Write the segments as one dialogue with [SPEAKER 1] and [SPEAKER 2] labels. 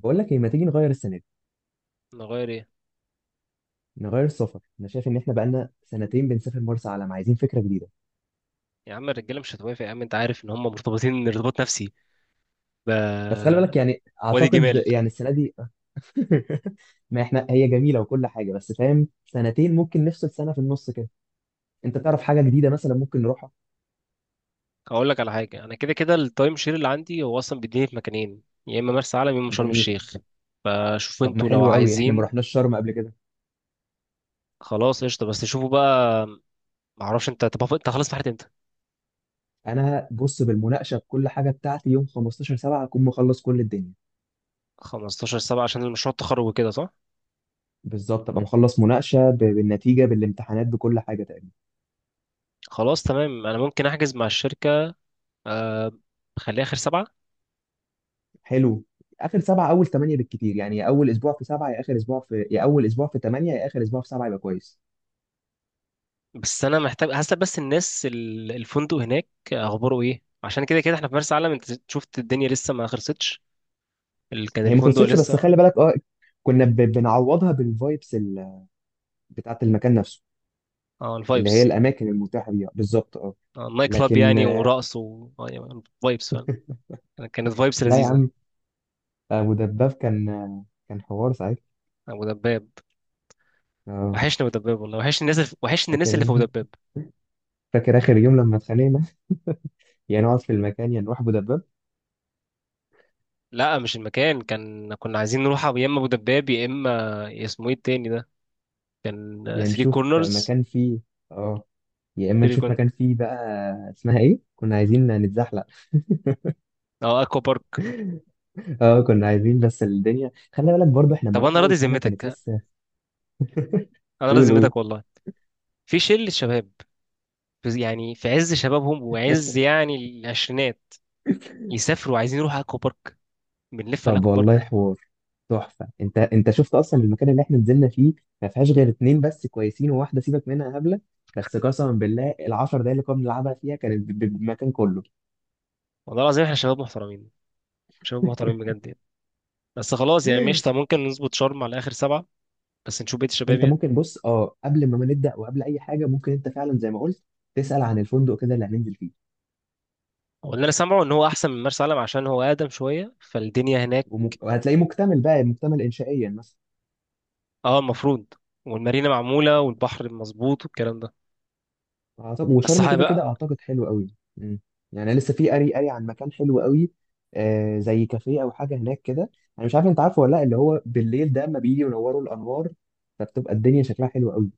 [SPEAKER 1] بقول لك ايه؟ ما تيجي نغير السنه دي؟
[SPEAKER 2] نغير ايه؟
[SPEAKER 1] نغير السفر. انا شايف ان احنا بقالنا سنتين بنسافر مرسى علم، عايزين فكره جديده.
[SPEAKER 2] يا عم الرجاله مش هتوافق، يا عم انت عارف ان هم مرتبطين ارتباط نفسي ب
[SPEAKER 1] بس خلي بالك، يعني
[SPEAKER 2] وادي
[SPEAKER 1] اعتقد
[SPEAKER 2] جمال.
[SPEAKER 1] يعني السنه دي. ما احنا هي جميله وكل حاجه، بس فاهم سنتين ممكن نفصل سنه في النص كده. انت تعرف حاجه جديده مثلا ممكن نروحها.
[SPEAKER 2] هقول لك على حاجه، انا كده كده التايم شير اللي عندي هو اصلا بيديني في مكانين، يا اما مرسى علم يا اما شرم
[SPEAKER 1] جميل.
[SPEAKER 2] الشيخ. فشوفوا
[SPEAKER 1] طب ما
[SPEAKER 2] انتوا لو
[SPEAKER 1] حلو قوي، احنا ما
[SPEAKER 2] عايزين.
[SPEAKER 1] رحناش شرم قبل كده.
[SPEAKER 2] خلاص قشطه، بس شوفوا بقى. معرفش انت، طب انت خلاص في انت.
[SPEAKER 1] انا بص بالمناقشه بكل حاجه بتاعتي يوم 15/7 اكون مخلص كل الدنيا.
[SPEAKER 2] 15 7 عشان المشروع التخرج وكده، صح؟
[SPEAKER 1] بالظبط، ابقى مخلص مناقشه بالنتيجه بالامتحانات بكل حاجه تقريبا.
[SPEAKER 2] خلاص تمام، انا ممكن احجز مع الشركه. آه، خليها اخر سبعة.
[SPEAKER 1] حلو. اخر سبعه اول ثمانيه بالكتير، يعني اول اسبوع في سبعه يا اول اسبوع في ثمانيه يا اخر اسبوع في سبعه يبقى كويس.
[SPEAKER 2] بس انا محتاج هسأل بس الناس الفندق هناك اخباره ايه، عشان كده كده احنا في مرسى علم انت شفت الدنيا لسه ما خلصتش. كان
[SPEAKER 1] هي ما
[SPEAKER 2] الفندق
[SPEAKER 1] خلصتش بس
[SPEAKER 2] لسه.
[SPEAKER 1] خلي بالك اه. كنا بنعوضها بالفايبس بتاعت المكان نفسه.
[SPEAKER 2] اه
[SPEAKER 1] اللي هي
[SPEAKER 2] الفايبس.
[SPEAKER 1] الاماكن المتاحه بيها بالظبط اه.
[SPEAKER 2] النايت كلاب
[SPEAKER 1] لكن
[SPEAKER 2] يعني ورقص و يعني فايبس فعلا. كانت فايبس
[SPEAKER 1] لا يا
[SPEAKER 2] لذيذه.
[SPEAKER 1] عم. ابو دباب كان حوار ساعتها.
[SPEAKER 2] ابو دباب،
[SPEAKER 1] اه.
[SPEAKER 2] وحشني ابو دباب والله. وحشني
[SPEAKER 1] فاكر
[SPEAKER 2] الناس اللي في ابو
[SPEAKER 1] إيه؟
[SPEAKER 2] دباب.
[SPEAKER 1] فاكر اخر يوم لما اتخانقنا. يا نقعد في المكان يا نروح ابو دباب.
[SPEAKER 2] لا مش المكان، كان كنا عايزين نروح يا اما ابو دباب يا اما اسمه ايه التاني ده. كان
[SPEAKER 1] يا
[SPEAKER 2] 3
[SPEAKER 1] نشوف
[SPEAKER 2] كورنرز.
[SPEAKER 1] مكان فيه. اه. يا اما
[SPEAKER 2] 3
[SPEAKER 1] نشوف
[SPEAKER 2] كورنرز.
[SPEAKER 1] مكان فيه بقى. اسمها ايه؟ كنا عايزين نتزحلق.
[SPEAKER 2] اه اكوا بارك.
[SPEAKER 1] اه، كنا عايزين بس الدنيا خلي بالك، برضو احنا لما
[SPEAKER 2] طب انا
[SPEAKER 1] رحنا
[SPEAKER 2] راضي
[SPEAKER 1] اول سنه كانت
[SPEAKER 2] ذمتك،
[SPEAKER 1] لسه.
[SPEAKER 2] انا راضي
[SPEAKER 1] قول قول.
[SPEAKER 2] ذمتك والله. في شله شباب، يعني في عز شبابهم وعز يعني العشرينات، يسافروا عايزين يروحوا اكوا بارك. بنلف على
[SPEAKER 1] طب
[SPEAKER 2] اكوا
[SPEAKER 1] والله
[SPEAKER 2] بارك.
[SPEAKER 1] حوار. تحفه، انت شفت اصلا المكان اللي احنا نزلنا فيه. ما فيهاش غير اتنين بس كويسين وواحده سيبك منها هبله. بس قسما بالله العشر دقايق اللي كنا بنلعبها فيها كانت بالمكان كله.
[SPEAKER 2] والله العظيم احنا شباب محترمين، شباب محترمين بجد يعني. بس خلاص يعني ماشي، طب ممكن نظبط شرم على اخر سبعه بس نشوف بيت الشباب
[SPEAKER 1] انت
[SPEAKER 2] يعني.
[SPEAKER 1] ممكن بص، قبل ما نبدا وقبل اي حاجه، ممكن انت فعلا زي ما قلت تسال عن الفندق كده اللي هننزل فيه.
[SPEAKER 2] هو اللي انا سامعه ان هو احسن من مرسى علم عشان هو اقدم شويه فالدنيا هناك.
[SPEAKER 1] وهتلاقيه مكتمل بقى، مكتمل انشائيا مثلا.
[SPEAKER 2] اه المفروض، والمارينا معموله والبحر مظبوط والكلام ده.
[SPEAKER 1] أعتقد
[SPEAKER 2] بس
[SPEAKER 1] وشرم
[SPEAKER 2] صح
[SPEAKER 1] كده كده
[SPEAKER 2] بقى،
[SPEAKER 1] اعتقد حلو قوي. يعني أنا لسه في قري قري عن مكان حلو قوي. زي كافيه او حاجه هناك كده. انا مش عارف انت عارفه ولا لا، اللي هو بالليل ده اما بيجي ينوروا الانوار فبتبقى الدنيا شكلها حلو قوي.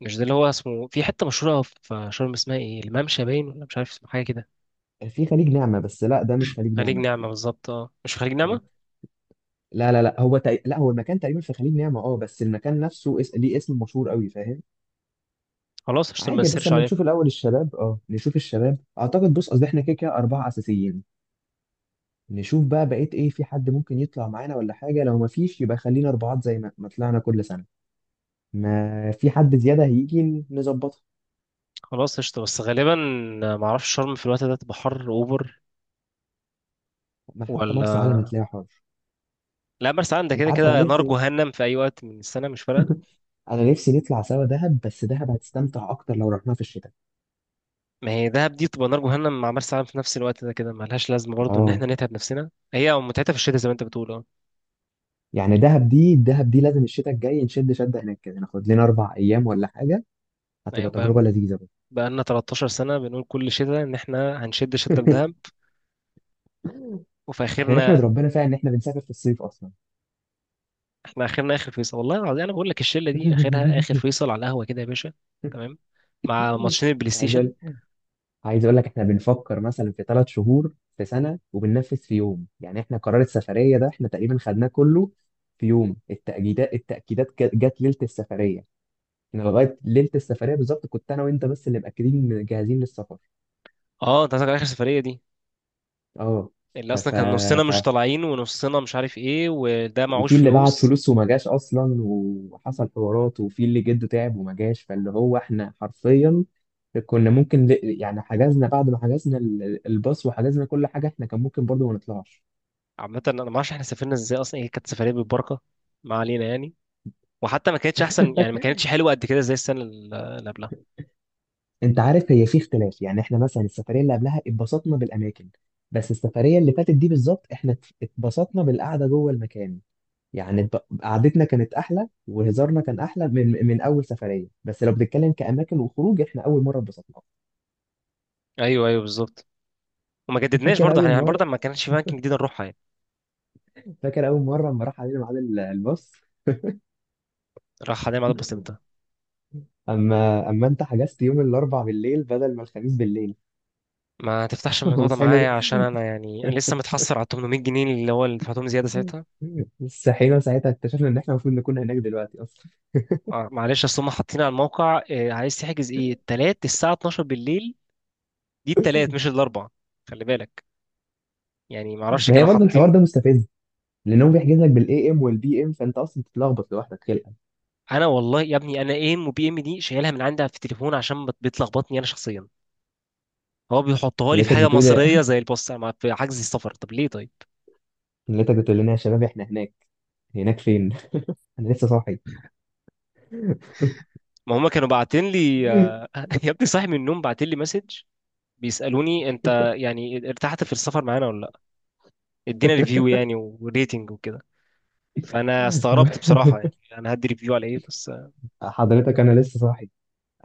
[SPEAKER 2] مش ده اللي هو اسمه في حته مشهوره في شرم اسمها ايه، الممشى باين ولا مش عارف اسمه حاجه كده؟
[SPEAKER 1] في خليج نعمه، بس لا ده مش خليج
[SPEAKER 2] خليج
[SPEAKER 1] نعمه.
[SPEAKER 2] نعمه بالظبط، اه مش في خليج
[SPEAKER 1] اه.
[SPEAKER 2] نعمه.
[SPEAKER 1] لا لا لا، لا هو المكان تقريبا في خليج نعمه اه، بس المكان نفسه ليه اسم مشهور قوي فاهم.
[SPEAKER 2] خلاص قشطة ما
[SPEAKER 1] عادي بس
[SPEAKER 2] نسيرش
[SPEAKER 1] اما
[SPEAKER 2] عليها.
[SPEAKER 1] نشوف الاول الشباب، نشوف الشباب اعتقد. بص قصدي احنا كده كده اربعه اساسيين، نشوف بقى بقيت ايه في حد ممكن يطلع معانا ولا حاجة. لو ما فيش يبقى خلينا اربعات زي ما طلعنا كل سنة. ما في حد زيادة هيجي نظبطها.
[SPEAKER 2] خلاص قشطة، بس غالبا معرفش شرم في الوقت ده تبقى حر اوفر
[SPEAKER 1] ما حتى مرسى
[SPEAKER 2] ولا
[SPEAKER 1] علم هتلاقيها حر.
[SPEAKER 2] لا. مرسى علم ده
[SPEAKER 1] انت
[SPEAKER 2] كده
[SPEAKER 1] عارف انا
[SPEAKER 2] كده نار
[SPEAKER 1] نفسي،
[SPEAKER 2] جهنم في اي وقت من السنة، مش فارقة.
[SPEAKER 1] نطلع سوا دهب، بس دهب هتستمتع اكتر لو رحناها في الشتاء.
[SPEAKER 2] ما هي دهب دي تبقى نار جهنم مع مرسى علم في نفس الوقت ده كده، ملهاش لازمة برضو ان
[SPEAKER 1] اه.
[SPEAKER 2] احنا نتعب نفسنا، هي متعتها في الشتاء زي ما انت بتقول اه.
[SPEAKER 1] يعني دهب دي دهب دي لازم الشتاء الجاي نشد شدة هناك كده، ناخد لنا 4 ايام ولا حاجة.
[SPEAKER 2] يعني
[SPEAKER 1] هتبقى تجربة
[SPEAKER 2] بقى
[SPEAKER 1] لذيذة بقى.
[SPEAKER 2] بقالنا 13 سنة بنقول كل شتاء ان احنا هنشد شدة في دهب وفي
[SPEAKER 1] احنا نحمد
[SPEAKER 2] اخرنا.
[SPEAKER 1] ربنا فعلا ان احنا بنسافر في الصيف اصلا.
[SPEAKER 2] احنا اخرنا اخر فيصل، والله العظيم انا بقول لك الشلة دي اخرها اخر فيصل على القهوة كده يا باشا. تمام، مع ماتشين البلاي
[SPEAKER 1] عايز
[SPEAKER 2] ستيشن.
[SPEAKER 1] عايز اقول لك احنا بنفكر مثلا في 3 شهور في سنه وبننفذ في يوم، يعني احنا قرار السفريه ده احنا تقريبا خدناه كله في يوم. التاكيدات جت ليله السفريه. انا لغايه ليله السفريه بالظبط كنت انا وانت بس اللي مأكدين جاهزين للسفر.
[SPEAKER 2] اه انت قصدك على اخر سفرية دي،
[SPEAKER 1] اه.
[SPEAKER 2] اللي
[SPEAKER 1] ف...
[SPEAKER 2] اصلا
[SPEAKER 1] ف...
[SPEAKER 2] كان نصنا
[SPEAKER 1] ف...
[SPEAKER 2] مش طالعين ونصنا مش عارف ايه وده معهوش
[SPEAKER 1] وفي اللي بعت
[SPEAKER 2] فلوس.
[SPEAKER 1] فلوس وما جاش اصلا وحصل حوارات، وفي اللي جده تعب وما جاش، فاللي هو احنا حرفيا كنا ممكن يعني حجزنا، بعد ما حجزنا الباص وحجزنا كل حاجه احنا كان ممكن برضو ما نطلعش.
[SPEAKER 2] عامه انا ما اعرفش احنا سافرنا ازاي اصلا، هي كانت سفريه بالبركه. ما علينا يعني. وحتى ما كانتش احسن، يعني ما كانتش حلوه قد كده زي السنه اللي قبلها.
[SPEAKER 1] انت عارف هي في اختلاف، يعني احنا مثلا السفريه اللي قبلها اتبسطنا بالاماكن. بس السفريه اللي فاتت دي بالظبط احنا اتبسطنا بالقعده جوه المكان. يعني قعدتنا كانت احلى وهزارنا كان احلى من اول سفريه، بس لو بنتكلم كاماكن وخروج احنا اول مره اتبسطنا.
[SPEAKER 2] ايوه ايوه بالظبط، وما جددناش
[SPEAKER 1] فاكر
[SPEAKER 2] برضه
[SPEAKER 1] اول
[SPEAKER 2] احنا يعني
[SPEAKER 1] مره
[SPEAKER 2] برضه ما كانش في اماكن جديده نروحها يعني.
[SPEAKER 1] فاكر اول مره لما راح علينا ميعاد الباص.
[SPEAKER 2] راح حدائق معدل بسيطه.
[SPEAKER 1] اما انت حجزت يوم الاربع بالليل بدل ما الخميس بالليل.
[SPEAKER 2] ما تفتحش الموضوع ده
[SPEAKER 1] وصحينا
[SPEAKER 2] معايا، عشان انا يعني انا لسه متحسر على 800 جنيه اللي هو اللي دفعتهم زياده ساعتها.
[SPEAKER 1] صحينا ساعتها اكتشفنا ان احنا المفروض نكون هناك دلوقتي اصلا.
[SPEAKER 2] معلش اصل هم حاطين على الموقع عايز تحجز ايه، التلات الساعه 12 بالليل. دي التلات مش الاربع. خلي بالك، يعني ما اعرفش
[SPEAKER 1] ما هي
[SPEAKER 2] كانوا
[SPEAKER 1] برضه الحوار
[SPEAKER 2] حاطين.
[SPEAKER 1] ده مستفز، لان هو بيحجز لك بالاي ام والبي ام فانت اصلا بتتلخبط لوحدك خلقا.
[SPEAKER 2] انا والله يا ابني انا ايه ام وبي ام دي شايلها من عندها في التليفون عشان بتلخبطني انا شخصيا. هو بيحطها لي في
[SPEAKER 1] لقيتك
[SPEAKER 2] حاجه
[SPEAKER 1] بتقول
[SPEAKER 2] مصريه زي البوست في حجز السفر، طب ليه طيب؟
[SPEAKER 1] لقيتك بتقول لنا يا شباب احنا هناك. هناك فين؟ انا لسه صاحي.
[SPEAKER 2] ما هم كانوا باعتين لي يا ابني صاحي من النوم باعتين لي مسج بيسالوني انت يعني ارتحت في السفر معانا ولا لا. ادينا ريفيو يعني وريتنج وكده. فانا استغربت بصراحه، يعني انا هدي ريفيو على ايه بس
[SPEAKER 1] حضرتك انا لسه صاحي.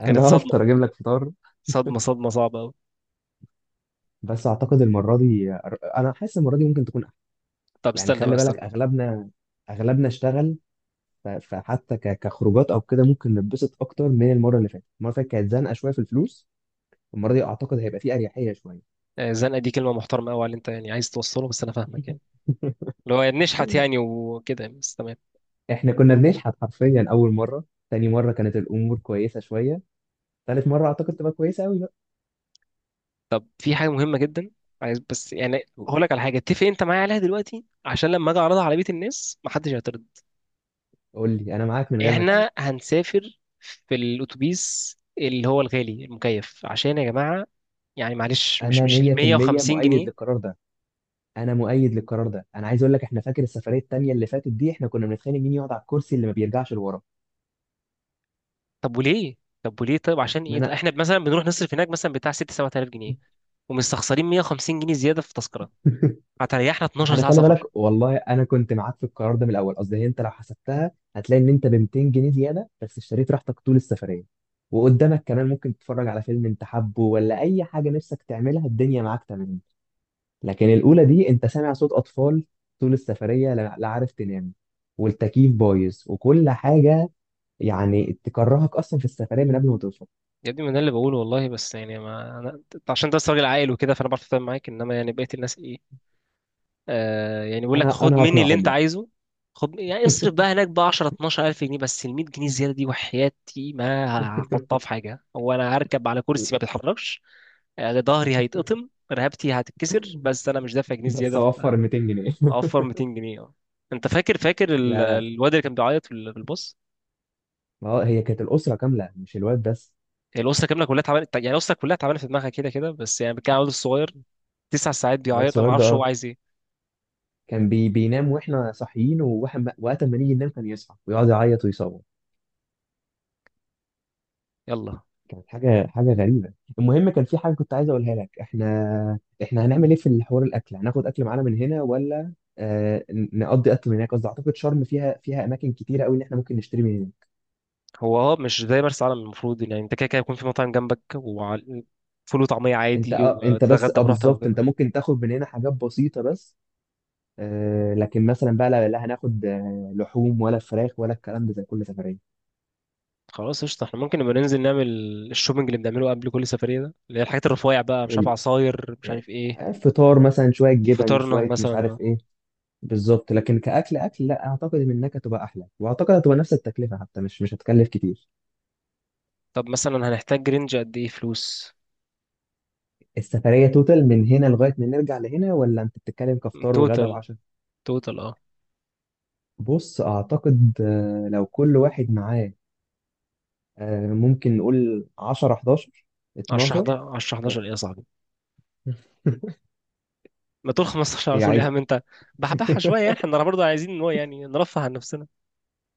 [SPEAKER 1] انا
[SPEAKER 2] كانت صدمه.
[SPEAKER 1] هفطر اجيب لك فطار.
[SPEAKER 2] صدمه صعبه قوي.
[SPEAKER 1] بس اعتقد المره دي، انا حاسس المره دي ممكن تكون احسن.
[SPEAKER 2] طب
[SPEAKER 1] يعني
[SPEAKER 2] استنى بقى
[SPEAKER 1] خلي بالك
[SPEAKER 2] استنى.
[SPEAKER 1] اغلبنا اشتغل. فحتى كخروجات او كده ممكن نتبسط اكتر من المره اللي فاتت. المره اللي فاتت كانت زنقه شويه في الفلوس، المره دي اعتقد هيبقى فيه اريحيه شويه.
[SPEAKER 2] زنقه دي كلمه محترمه قوي على اللي انت يعني عايز توصله، بس انا فاهمك يعني، اللي هو نشحت يعني وكده، بس تمام.
[SPEAKER 1] احنا كنا بنشحت حرفيا اول مره. تاني مره كانت الامور كويسه شويه. تالت مره اعتقد تبقى كويسه قوي بقى.
[SPEAKER 2] طب في حاجة مهمة جدا، عايز بس يعني هقول لك على حاجة اتفق انت معايا عليها دلوقتي عشان لما اجي اعرضها على بيت الناس محدش هيعترض.
[SPEAKER 1] قول لي، انا معاك من غير ما تقول.
[SPEAKER 2] احنا هنسافر في الاتوبيس اللي هو الغالي المكيف عشان يا جماعة، يعني معلش مش
[SPEAKER 1] انا
[SPEAKER 2] مش ال
[SPEAKER 1] 100%
[SPEAKER 2] 150
[SPEAKER 1] مؤيد
[SPEAKER 2] جنيه
[SPEAKER 1] للقرار ده، انا مؤيد للقرار ده. انا عايز اقول لك احنا فاكر السفريه التانيه اللي فاتت دي احنا كنا بنتخانق مين يقعد على الكرسي اللي ما بيرجعش لورا.
[SPEAKER 2] طب وليه، طيب عشان
[SPEAKER 1] ما
[SPEAKER 2] ايه طيب؟
[SPEAKER 1] انا
[SPEAKER 2] احنا مثلا بنروح نصرف هناك مثلا بتاع 6 7000 جنيه، ومستخسرين 150 جنيه زيادة في تذكرة هتريحنا 12
[SPEAKER 1] انا
[SPEAKER 2] ساعة
[SPEAKER 1] خلي
[SPEAKER 2] سفر.
[SPEAKER 1] بالك والله، انا كنت معاك في القرار ده من الاول. قصدي هي انت لو حسبتها هتلاقي ان انت ب 200 جنيه زياده بس اشتريت راحتك طول السفريه، وقدامك كمان ممكن تتفرج على فيلم انت حابه ولا اي حاجه نفسك تعملها الدنيا معاك تمام. لكن الأولى دي أنت سامع صوت أطفال طول السفرية، لا لا عارف تنام، والتكييف بايظ وكل حاجة. يعني تكرهك أصلا في السفرية من قبل ما توصل.
[SPEAKER 2] يا ابني ما ده اللي بقوله والله، بس يعني ما انا أنت عشان انت بس راجل عاقل وكده فانا بعرف اتفاهم معاك، انما يعني بقيه الناس ايه. آه يعني بيقول لك
[SPEAKER 1] أنا
[SPEAKER 2] خد
[SPEAKER 1] أنا
[SPEAKER 2] مني اللي
[SPEAKER 1] هقنعهم
[SPEAKER 2] انت
[SPEAKER 1] لك.
[SPEAKER 2] عايزه، خد يعني اصرف بقى هناك بقى 10 12 الف جنيه، بس ال 100 جنيه زياده دي وحياتي ما هحطها في حاجه، هو انا هركب على كرسي ما بيتحركش. ظهري هيتقطم رقبتي هتتكسر، بس انا مش دافع جنيه
[SPEAKER 1] بس
[SPEAKER 2] زياده
[SPEAKER 1] أوفر 200 جنيه.
[SPEAKER 2] اوفر 200 جنيه اه. انت فاكر، فاكر
[SPEAKER 1] لا لا
[SPEAKER 2] الواد اللي كان بيعيط في في الباص.
[SPEAKER 1] ما هو هي كانت الأسرة كاملة مش الواد بس.
[SPEAKER 2] هي الاسره كامله كلها تعبانه، يعني الاسره كلها تعبانه في دماغها كده كده، بس يعني كان الواد الصغير 9 ساعات
[SPEAKER 1] الواد
[SPEAKER 2] بيعيط انا
[SPEAKER 1] الصغير
[SPEAKER 2] ما
[SPEAKER 1] ده
[SPEAKER 2] اعرفش هو
[SPEAKER 1] أه،
[SPEAKER 2] عايز ايه.
[SPEAKER 1] كان بينام وإحنا صاحيين، وقت ما نيجي ننام كان يصحى ويقعد يعيط ويصوت.
[SPEAKER 2] يلا.
[SPEAKER 1] كانت حاجه غريبه. المهم كان في حاجه كنت عايز اقولها لك، احنا هنعمل ايه في الحوار الاكل، هناخد اكل معانا من هنا ولا؟ نقضي اكل من هناك قصدي. اعتقد شرم فيها اماكن كتيره قوي ان احنا ممكن نشتري من هناك.
[SPEAKER 2] هو اه مش زي مرسى علم، المفروض يعني انت كده كده يكون في مطاعم جنبك وفول وطعميه
[SPEAKER 1] انت
[SPEAKER 2] عادي
[SPEAKER 1] اه انت بس
[SPEAKER 2] وتتغدى براحتك
[SPEAKER 1] بالظبط.
[SPEAKER 2] وكده.
[SPEAKER 1] انت ممكن تاخد من هنا حاجات بسيطه بس. لكن مثلا بقى لا, لا هناخد لحوم ولا فراخ ولا الكلام ده زي كل سفريه.
[SPEAKER 2] خلاص قشطه، احنا ممكن نبقى ننزل نعمل الشوبينج اللي بنعمله قبل كل سفريه ده اللي هي الحاجات الرفيع بقى، مش عارف
[SPEAKER 1] حلو.
[SPEAKER 2] عصاير مش عارف ايه.
[SPEAKER 1] فطار مثلا شويه جبن
[SPEAKER 2] فطارنا
[SPEAKER 1] شويه
[SPEAKER 2] مثلا
[SPEAKER 1] مش عارف
[SPEAKER 2] اه.
[SPEAKER 1] ايه. بالظبط، لكن كأكل أكل لا أعتقد إنك هتبقى أحلى، وأعتقد هتبقى نفس التكلفة حتى، مش هتكلف كتير.
[SPEAKER 2] طب مثلا هنحتاج رينج قد ايه فلوس؟
[SPEAKER 1] السفرية توتال من هنا لغاية ما نرجع لهنا، ولا أنت بتتكلم كفطار وغدا
[SPEAKER 2] توتال،
[SPEAKER 1] وعشاء؟
[SPEAKER 2] توتال اه.
[SPEAKER 1] بص أعتقد، لو كل واحد معاه، ممكن نقول 10 11
[SPEAKER 2] 10
[SPEAKER 1] 12.
[SPEAKER 2] 11 10 11 ايه يا صاحبي؟ ما تقول 15 على
[SPEAKER 1] هي
[SPEAKER 2] طول يا
[SPEAKER 1] عايزة.
[SPEAKER 2] عم انت، بحبحها شويه يعني احنا برضه عايزين ان هو يعني نرفه عن نفسنا.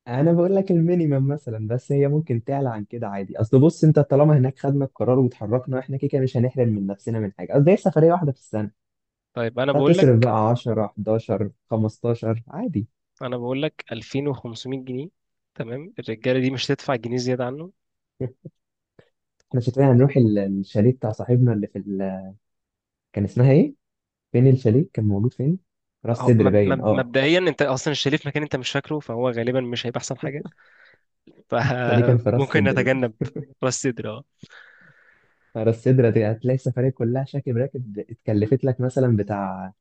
[SPEAKER 1] أنا بقول لك المينيمم مثلا، بس هي ممكن تعلى عن كده عادي. أصل بص أنت طالما هناك خدنا القرار واتحركنا إحنا كده كده مش هنحرم من نفسنا من حاجة، قصدي هي سفرية واحدة في السنة.
[SPEAKER 2] طيب انا بقول
[SPEAKER 1] هتصرف
[SPEAKER 2] لك،
[SPEAKER 1] بقى 10 11 15 عادي.
[SPEAKER 2] 2500 جنيه. تمام، الرجاله دي مش هتدفع جنيه زياده عنه.
[SPEAKER 1] احنا شكلنا هنروح الشاليه بتاع صاحبنا اللي في كان اسمها ايه؟ فين الشاليه؟ كان موجود فين؟ راس
[SPEAKER 2] أهو،
[SPEAKER 1] سدر باين اه.
[SPEAKER 2] مبدئيا انت اصلا شايف في مكان انت مش فاكره، فهو غالبا مش هيبقى احسن حاجه،
[SPEAKER 1] الشاليه كان في راس
[SPEAKER 2] فممكن
[SPEAKER 1] سدر.
[SPEAKER 2] نتجنب. راس صدر اه.
[SPEAKER 1] راس سدر، هتلاقي السفرية كلها شاكب راكب اتكلفت لك مثلا بتاع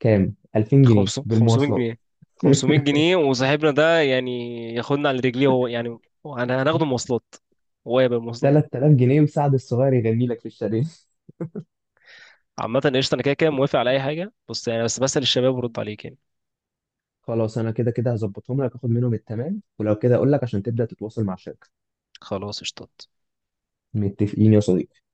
[SPEAKER 1] كام؟ 2000 جنيه
[SPEAKER 2] 500
[SPEAKER 1] بالمواصلات.
[SPEAKER 2] جنيه وصاحبنا ده يعني ياخدنا على رجليه هو يعني. انا هناخده مواصلات، هو يبقى المواصلات بتاعتي.
[SPEAKER 1] 3000 جنيه مساعد الصغير يغني لك في الشاليه.
[SPEAKER 2] عامة قشطة، أنا كده كده موافق على أي حاجة، بص يعني بس بسأل الشباب ورد عليك يعني.
[SPEAKER 1] خلاص انا كده كده هظبطهم لك، اخد منهم التمام ولو كده اقول لك عشان تبدأ تتواصل مع الشركة.
[SPEAKER 2] خلاص قشطة.
[SPEAKER 1] متفقين يا صديقي.